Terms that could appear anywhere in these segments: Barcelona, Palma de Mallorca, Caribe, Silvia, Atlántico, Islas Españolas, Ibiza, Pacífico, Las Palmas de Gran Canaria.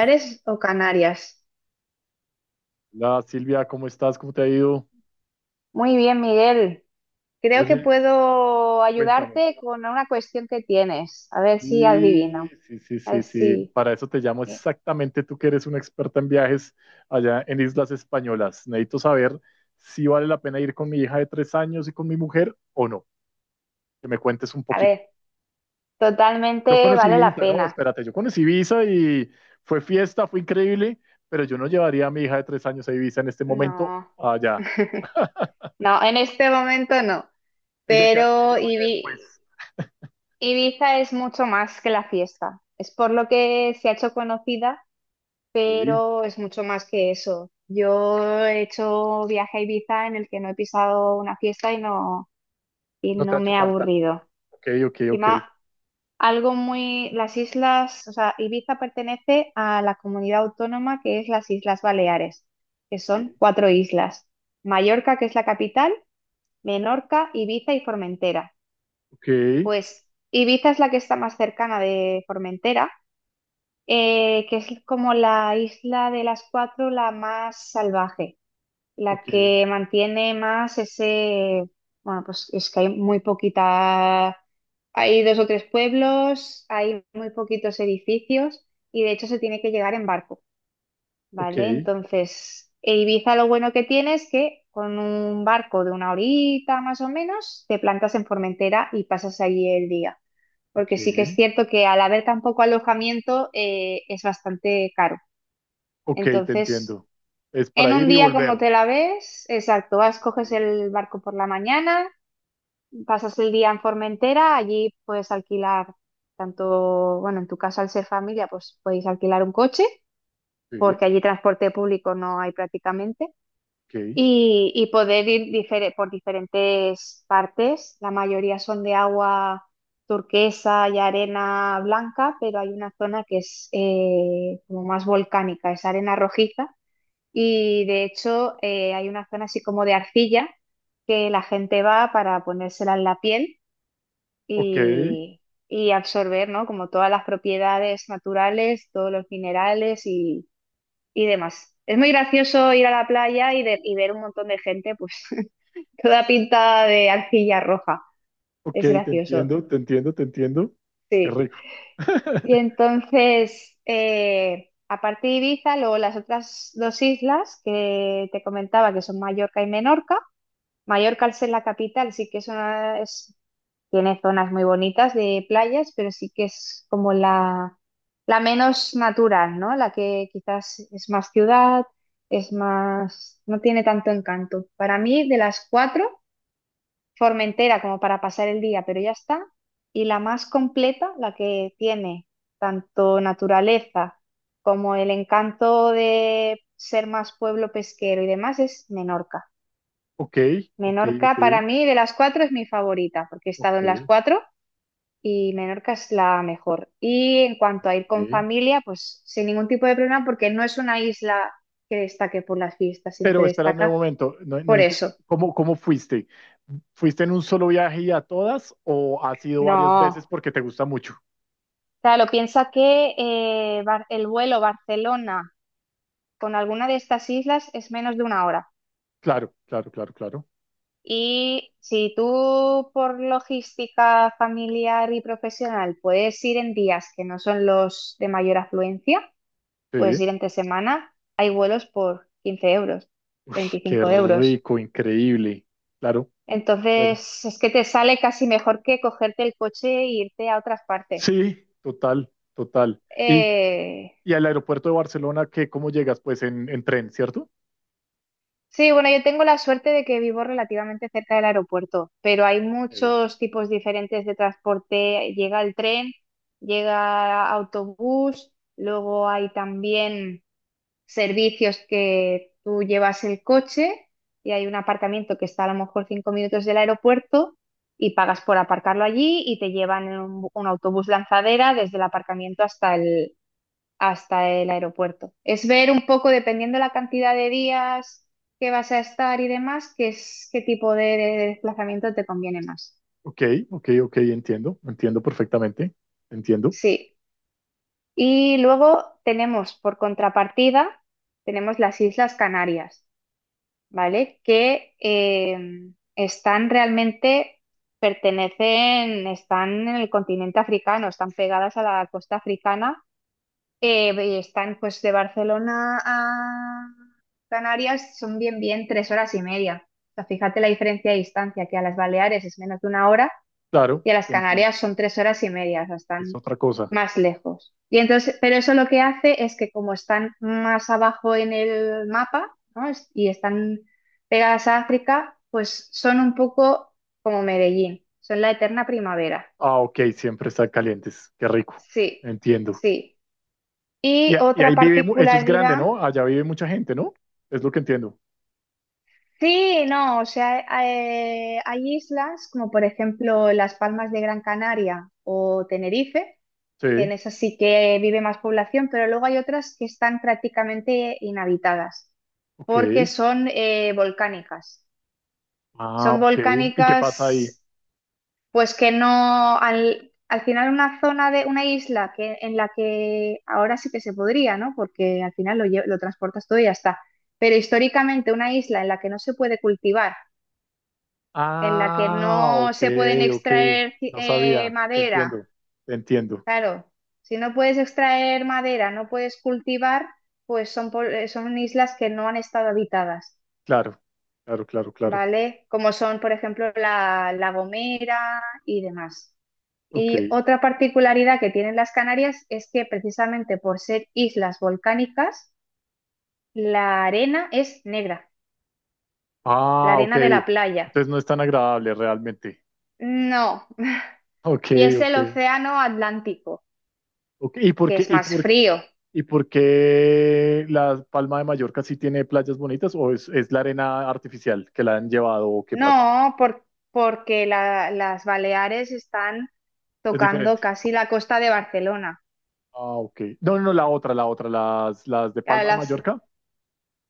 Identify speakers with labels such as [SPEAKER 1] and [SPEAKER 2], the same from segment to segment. [SPEAKER 1] Canarias o Canarias?
[SPEAKER 2] Hola Silvia, ¿cómo estás? ¿Cómo te ha ido?
[SPEAKER 1] Muy bien, Miguel. Creo que
[SPEAKER 2] Oye,
[SPEAKER 1] puedo
[SPEAKER 2] cuéntame.
[SPEAKER 1] ayudarte con una cuestión que tienes. A ver si
[SPEAKER 2] Sí,
[SPEAKER 1] adivino.
[SPEAKER 2] sí, sí,
[SPEAKER 1] A
[SPEAKER 2] sí,
[SPEAKER 1] ver
[SPEAKER 2] sí.
[SPEAKER 1] si.
[SPEAKER 2] Para eso te llamo
[SPEAKER 1] eh,
[SPEAKER 2] exactamente, tú que eres una experta en viajes allá en Islas Españolas. Necesito saber si vale la pena ir con mi hija de 3 años y con mi mujer o no. Que me cuentes un
[SPEAKER 1] a
[SPEAKER 2] poquito.
[SPEAKER 1] ver,
[SPEAKER 2] Yo
[SPEAKER 1] totalmente
[SPEAKER 2] conocí
[SPEAKER 1] vale la
[SPEAKER 2] Ibiza, no,
[SPEAKER 1] pena.
[SPEAKER 2] espérate, yo conocí Ibiza y fue fiesta, fue increíble, pero yo no llevaría a mi hija de 3 años a Ibiza en este momento
[SPEAKER 1] No,
[SPEAKER 2] allá.
[SPEAKER 1] no, en este momento no.
[SPEAKER 2] Ella que
[SPEAKER 1] Pero
[SPEAKER 2] ella vaya después.
[SPEAKER 1] Ibi- Ibiza es mucho más que la fiesta. Es por lo que se ha hecho conocida,
[SPEAKER 2] Sí,
[SPEAKER 1] pero es mucho más que eso. Yo he hecho viaje a Ibiza en el que no he pisado una fiesta y
[SPEAKER 2] no te ha
[SPEAKER 1] no
[SPEAKER 2] hecho
[SPEAKER 1] me ha
[SPEAKER 2] falta.
[SPEAKER 1] aburrido.
[SPEAKER 2] Ok, ok, ok.
[SPEAKER 1] Encima, las islas, o sea, Ibiza pertenece a la comunidad autónoma que es las Islas Baleares, que
[SPEAKER 2] Ok.
[SPEAKER 1] son cuatro islas: Mallorca, que es la capital, Menorca, Ibiza y Formentera.
[SPEAKER 2] Ok,
[SPEAKER 1] Pues Ibiza es la que está más cercana de Formentera, que es como la isla de las cuatro la más salvaje. La
[SPEAKER 2] ok,
[SPEAKER 1] que mantiene más ese, bueno, pues es que hay muy poquita, hay dos o tres pueblos, hay muy poquitos edificios y de hecho se tiene que llegar en barco,
[SPEAKER 2] ok,
[SPEAKER 1] ¿vale? Entonces, e Ibiza lo bueno que tiene es que con un barco de una horita más o menos, te plantas en Formentera y pasas allí el día.
[SPEAKER 2] ok,
[SPEAKER 1] Porque sí que es cierto que al haber tan poco alojamiento es bastante caro.
[SPEAKER 2] ok, te
[SPEAKER 1] Entonces,
[SPEAKER 2] entiendo. Es
[SPEAKER 1] en
[SPEAKER 2] para
[SPEAKER 1] un
[SPEAKER 2] ir y
[SPEAKER 1] día como
[SPEAKER 2] volver.
[SPEAKER 1] te la ves, exacto, vas, coges
[SPEAKER 2] Sí,
[SPEAKER 1] el barco por la mañana, pasas el día en Formentera, allí puedes alquilar tanto, bueno, en tu caso al ser familia, pues podéis alquilar un coche,
[SPEAKER 2] sí,
[SPEAKER 1] porque allí transporte público no hay prácticamente,
[SPEAKER 2] ok,
[SPEAKER 1] y poder ir por diferentes partes. La mayoría son de agua turquesa y arena blanca, pero hay una zona que es como más volcánica, es arena rojiza y de hecho, hay una zona así como de arcilla que la gente va para ponérsela en la piel
[SPEAKER 2] ok,
[SPEAKER 1] y, y absorber, ¿no? Como todas las propiedades naturales, todos los minerales y demás. Es muy gracioso ir a la playa y y ver un montón de gente, pues, toda pintada de arcilla roja.
[SPEAKER 2] ok,
[SPEAKER 1] Es
[SPEAKER 2] te
[SPEAKER 1] gracioso,
[SPEAKER 2] entiendo, te entiendo, te entiendo. Qué
[SPEAKER 1] sí.
[SPEAKER 2] rico.
[SPEAKER 1] Y entonces, aparte de Ibiza, luego las otras dos islas que te comentaba, que son Mallorca y Menorca. Mallorca, al ser la capital, sí que es una- es- tiene zonas muy bonitas de playas, pero sí que es como la menos natural, ¿no? La que quizás es más ciudad, es más, no tiene tanto encanto. Para mí, de las cuatro, Formentera como para pasar el día, pero ya está. Y la más completa, la que tiene tanto naturaleza como el encanto de ser más pueblo pesquero y demás, es Menorca.
[SPEAKER 2] Ok, ok, ok,
[SPEAKER 1] Menorca para mí de las cuatro es mi favorita, porque he
[SPEAKER 2] ok.
[SPEAKER 1] estado en las
[SPEAKER 2] ok.
[SPEAKER 1] cuatro y Menorca es la mejor. Y en cuanto a ir con familia, pues sin ningún tipo de problema, porque no es una isla que destaque por las fiestas, sino que
[SPEAKER 2] Pero espérame un
[SPEAKER 1] destaca
[SPEAKER 2] momento, no, no
[SPEAKER 1] por eso.
[SPEAKER 2] ¿cómo, cómo fuiste? ¿Fuiste en un solo viaje y a todas o has ido varias
[SPEAKER 1] No,
[SPEAKER 2] veces porque te gusta mucho?
[SPEAKER 1] claro, piensa que el vuelo Barcelona con alguna de estas islas es menos de una hora.
[SPEAKER 2] Claro, claro, claro, claro.
[SPEAKER 1] Y si tú por logística familiar y profesional puedes ir en días que no son los de mayor afluencia, puedes
[SPEAKER 2] Sí,
[SPEAKER 1] ir entre semana, hay vuelos por 15 euros,
[SPEAKER 2] qué
[SPEAKER 1] 25 euros.
[SPEAKER 2] rico, increíble. Claro, claro.
[SPEAKER 1] Entonces, es que te sale casi mejor que cogerte el coche e irte a otras partes.
[SPEAKER 2] Sí, total, total. Y,
[SPEAKER 1] Eh,
[SPEAKER 2] y al aeropuerto de Barcelona, ¿qué, cómo llegas? Pues en tren, ¿cierto?
[SPEAKER 1] sí, bueno, yo tengo la suerte de que vivo relativamente cerca del aeropuerto, pero hay
[SPEAKER 2] Ok,
[SPEAKER 1] muchos tipos diferentes de transporte. Llega el tren, llega autobús, luego hay también servicios que tú llevas el coche y hay un aparcamiento que está a lo mejor 5 minutos del aeropuerto y pagas por aparcarlo allí y te llevan en un autobús lanzadera desde el aparcamiento hasta el aeropuerto. Es ver un poco, dependiendo la cantidad de días que vas a estar y demás, qué es, qué tipo de desplazamiento te conviene más.
[SPEAKER 2] ok, ok, ok, entiendo, entiendo perfectamente, entiendo.
[SPEAKER 1] Sí. Y luego tenemos, por contrapartida, tenemos las Islas Canarias, ¿vale? Que están realmente, pertenecen, están en el continente africano, están pegadas a la costa africana, y están, pues, de Barcelona a Canarias son bien, bien 3 horas y media. O sea, fíjate la diferencia de distancia, que a las Baleares es menos de una hora
[SPEAKER 2] Claro,
[SPEAKER 1] y a las
[SPEAKER 2] te entiendo.
[SPEAKER 1] Canarias son 3 horas y media, o sea,
[SPEAKER 2] Es
[SPEAKER 1] están
[SPEAKER 2] otra cosa.
[SPEAKER 1] más lejos. Y entonces, pero eso lo que hace es que como están más abajo en el mapa, ¿no? Es- Y están pegadas a África, pues son un poco como Medellín, son la eterna primavera.
[SPEAKER 2] Ah, ok, siempre están calientes. Qué rico.
[SPEAKER 1] Sí,
[SPEAKER 2] Entiendo.
[SPEAKER 1] sí.
[SPEAKER 2] Y,
[SPEAKER 1] Y
[SPEAKER 2] a- y
[SPEAKER 1] otra
[SPEAKER 2] ahí vive, eso es grande,
[SPEAKER 1] particularidad,
[SPEAKER 2] ¿no? Allá vive mucha gente, ¿no? Es lo que entiendo.
[SPEAKER 1] sí, no, o sea, hay islas como por ejemplo las Palmas de Gran Canaria o Tenerife, que en
[SPEAKER 2] Sí,
[SPEAKER 1] esas sí que vive más población, pero luego hay otras que están prácticamente inhabitadas
[SPEAKER 2] ok.
[SPEAKER 1] porque son volcánicas.
[SPEAKER 2] Ah,
[SPEAKER 1] Son
[SPEAKER 2] ok. ¿Y qué pasa ahí?
[SPEAKER 1] volcánicas, pues que no, al final una zona de una isla que, en la que ahora sí que se podría, ¿no? Porque al final lo transportas todo y ya está. Pero históricamente una isla en la que no se puede cultivar, en la que
[SPEAKER 2] Ah,
[SPEAKER 1] no
[SPEAKER 2] ok,
[SPEAKER 1] se pueden
[SPEAKER 2] ok.
[SPEAKER 1] extraer ci-
[SPEAKER 2] No
[SPEAKER 1] eh,
[SPEAKER 2] sabía. Te
[SPEAKER 1] madera.
[SPEAKER 2] entiendo. Te entiendo.
[SPEAKER 1] Claro, si no puedes extraer madera, no puedes cultivar, pues son, son islas que no han estado habitadas,
[SPEAKER 2] Claro, claro, claro, claro.
[SPEAKER 1] ¿vale? Como son, por ejemplo, la, La Gomera y demás.
[SPEAKER 2] Ok.
[SPEAKER 1] Y otra particularidad que tienen las Canarias es que precisamente por ser islas volcánicas, la arena es negra, la
[SPEAKER 2] Ah, ok.
[SPEAKER 1] arena de la playa.
[SPEAKER 2] Entonces no es tan agradable realmente.
[SPEAKER 1] No,
[SPEAKER 2] Ok,
[SPEAKER 1] y es el
[SPEAKER 2] ok.
[SPEAKER 1] océano Atlántico,
[SPEAKER 2] Ok. ¿Y por
[SPEAKER 1] que
[SPEAKER 2] qué,
[SPEAKER 1] es
[SPEAKER 2] y
[SPEAKER 1] más
[SPEAKER 2] por,
[SPEAKER 1] frío.
[SPEAKER 2] y por qué la Palma de Mallorca sí tiene playas bonitas o es la arena artificial que la han llevado o qué pasa?
[SPEAKER 1] No, por- porque las Baleares están
[SPEAKER 2] Es
[SPEAKER 1] tocando
[SPEAKER 2] diferente.
[SPEAKER 1] casi la costa de Barcelona,
[SPEAKER 2] Ah, ok. No, no, no, la otra, las de
[SPEAKER 1] a
[SPEAKER 2] Palma de Mallorca.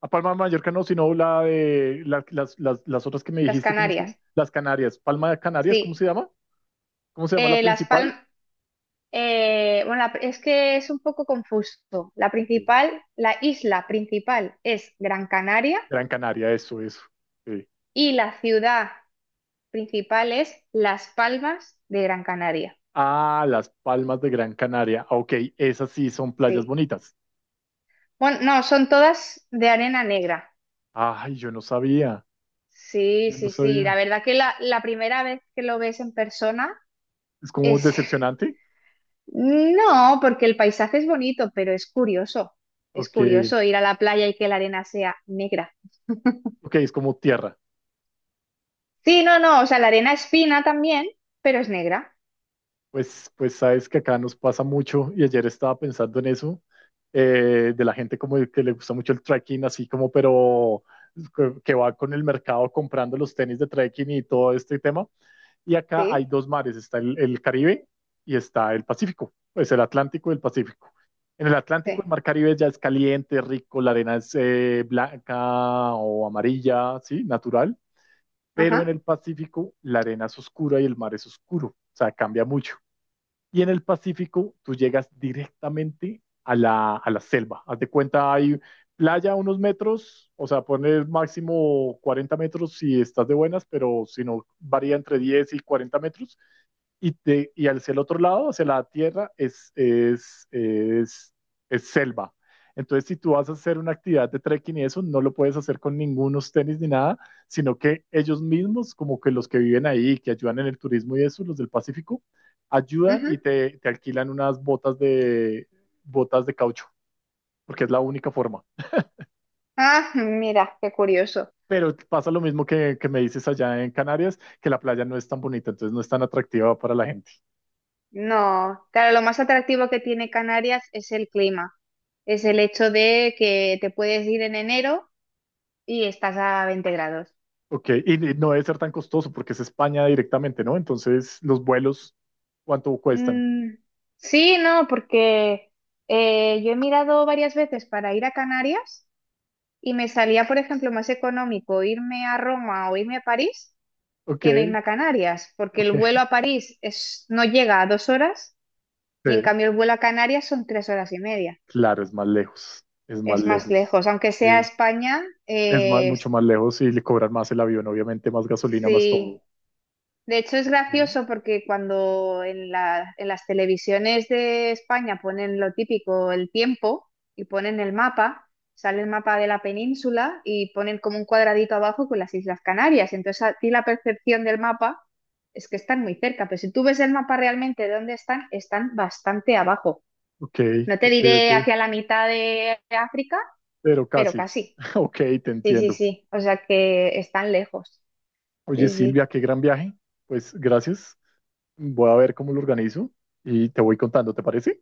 [SPEAKER 2] A Palma de Mallorca no, sino la de las otras que me
[SPEAKER 1] las
[SPEAKER 2] dijiste, ¿cómo se llama?
[SPEAKER 1] Canarias.
[SPEAKER 2] Las Canarias. Palma de Canarias, ¿cómo
[SPEAKER 1] Sí,
[SPEAKER 2] se llama? ¿Cómo se llama la
[SPEAKER 1] Las
[SPEAKER 2] principal?
[SPEAKER 1] Palmas, bueno, es que es un poco confuso. La
[SPEAKER 2] Ok.
[SPEAKER 1] principal, la isla principal es Gran Canaria
[SPEAKER 2] Gran Canaria, eso, eso. Sí.
[SPEAKER 1] y la ciudad principal es Las Palmas de Gran Canaria.
[SPEAKER 2] Ah, las Palmas de Gran Canaria. Ok, esas sí son playas
[SPEAKER 1] Sí.
[SPEAKER 2] bonitas.
[SPEAKER 1] Bueno, no, son todas de arena negra.
[SPEAKER 2] Ay, yo no sabía,
[SPEAKER 1] Sí,
[SPEAKER 2] yo no
[SPEAKER 1] sí, sí. La
[SPEAKER 2] sabía.
[SPEAKER 1] verdad que la primera vez que lo ves en persona
[SPEAKER 2] Es como
[SPEAKER 1] es...
[SPEAKER 2] decepcionante.
[SPEAKER 1] No, porque el paisaje es bonito, pero es curioso. Es
[SPEAKER 2] Ok,
[SPEAKER 1] curioso ir a la playa y que la arena sea negra.
[SPEAKER 2] ok, es como tierra.
[SPEAKER 1] Sí, no, no, o sea, la arena es fina también, pero es negra.
[SPEAKER 2] Pues sabes que acá nos pasa mucho y ayer estaba pensando en eso, de la gente como que le gusta mucho el trekking, así como, pero que va con el mercado comprando los tenis de trekking y todo este tema. Y acá hay
[SPEAKER 1] Sí,
[SPEAKER 2] dos mares, está el Caribe y está el Pacífico, pues el Atlántico y el Pacífico. En el Atlántico,
[SPEAKER 1] sí.
[SPEAKER 2] el mar Caribe ya es caliente, rico, la arena es blanca o amarilla, sí, natural, pero en
[SPEAKER 1] Ajá.
[SPEAKER 2] el Pacífico la arena es oscura y el mar es oscuro, o sea, cambia mucho. Y en el Pacífico tú llegas directamente a la selva. Haz de cuenta, hay playa a unos metros, o sea, pones máximo 40 metros si estás de buenas, pero si no, varía entre 10 y 40 metros y hacia el otro lado, hacia la tierra, es selva. Entonces, si tú vas a hacer una actividad de trekking y eso, no lo puedes hacer con ningunos tenis ni nada, sino que ellos mismos, como que los que viven ahí, que ayudan en el turismo y eso, los del Pacífico, ayudan
[SPEAKER 1] Ujú.
[SPEAKER 2] y te alquilan unas botas de caucho, porque es la única forma.
[SPEAKER 1] Ah, mira, qué curioso.
[SPEAKER 2] Pero pasa lo mismo que me dices allá en Canarias, que la playa no es tan bonita, entonces no es tan atractiva para la gente.
[SPEAKER 1] No, claro, lo más atractivo que tiene Canarias es el clima. Es el hecho de que te puedes ir en enero y estás a 20 grados.
[SPEAKER 2] Ok, y no debe ser tan costoso porque es España directamente, ¿no? Entonces, los vuelos, ¿cuánto cuestan?
[SPEAKER 1] Mm, sí, no, porque yo he mirado varias veces para ir a Canarias. Y me salía, por ejemplo, más económico irme a Roma o irme a París
[SPEAKER 2] Ok,
[SPEAKER 1] que no irme a Canarias, porque el vuelo
[SPEAKER 2] ok.
[SPEAKER 1] a París es, no llega a 2 horas y en
[SPEAKER 2] Sí,
[SPEAKER 1] cambio el vuelo a Canarias son 3 horas y media.
[SPEAKER 2] claro, es más lejos, es más
[SPEAKER 1] Es más
[SPEAKER 2] lejos.
[SPEAKER 1] lejos, aunque sea
[SPEAKER 2] Ok.
[SPEAKER 1] España,
[SPEAKER 2] Es más mucho más lejos y le cobran más el avión, obviamente, más gasolina, más
[SPEAKER 1] sí.
[SPEAKER 2] todo.
[SPEAKER 1] De hecho, es
[SPEAKER 2] Mm.
[SPEAKER 1] gracioso porque cuando en las televisiones de España ponen lo típico, el tiempo, y ponen el mapa, sale el mapa de la península y ponen como un cuadradito abajo con las Islas Canarias. Entonces, a ti la percepción del mapa es que están muy cerca, pero si tú ves el mapa realmente de dónde están, están bastante abajo.
[SPEAKER 2] Ok,
[SPEAKER 1] No te
[SPEAKER 2] ok,
[SPEAKER 1] diré
[SPEAKER 2] ok.
[SPEAKER 1] hacia la mitad de África,
[SPEAKER 2] Pero
[SPEAKER 1] pero
[SPEAKER 2] casi.
[SPEAKER 1] casi.
[SPEAKER 2] Ok, te
[SPEAKER 1] Sí, sí,
[SPEAKER 2] entiendo.
[SPEAKER 1] sí. O sea que están lejos.
[SPEAKER 2] Oye,
[SPEAKER 1] Sí, sí.
[SPEAKER 2] Silvia, qué gran viaje. Pues gracias. Voy a ver cómo lo organizo y te voy contando, ¿te parece?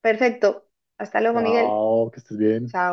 [SPEAKER 1] Perfecto. Hasta luego, Miguel.
[SPEAKER 2] Chao, que estés bien.
[SPEAKER 1] Chao.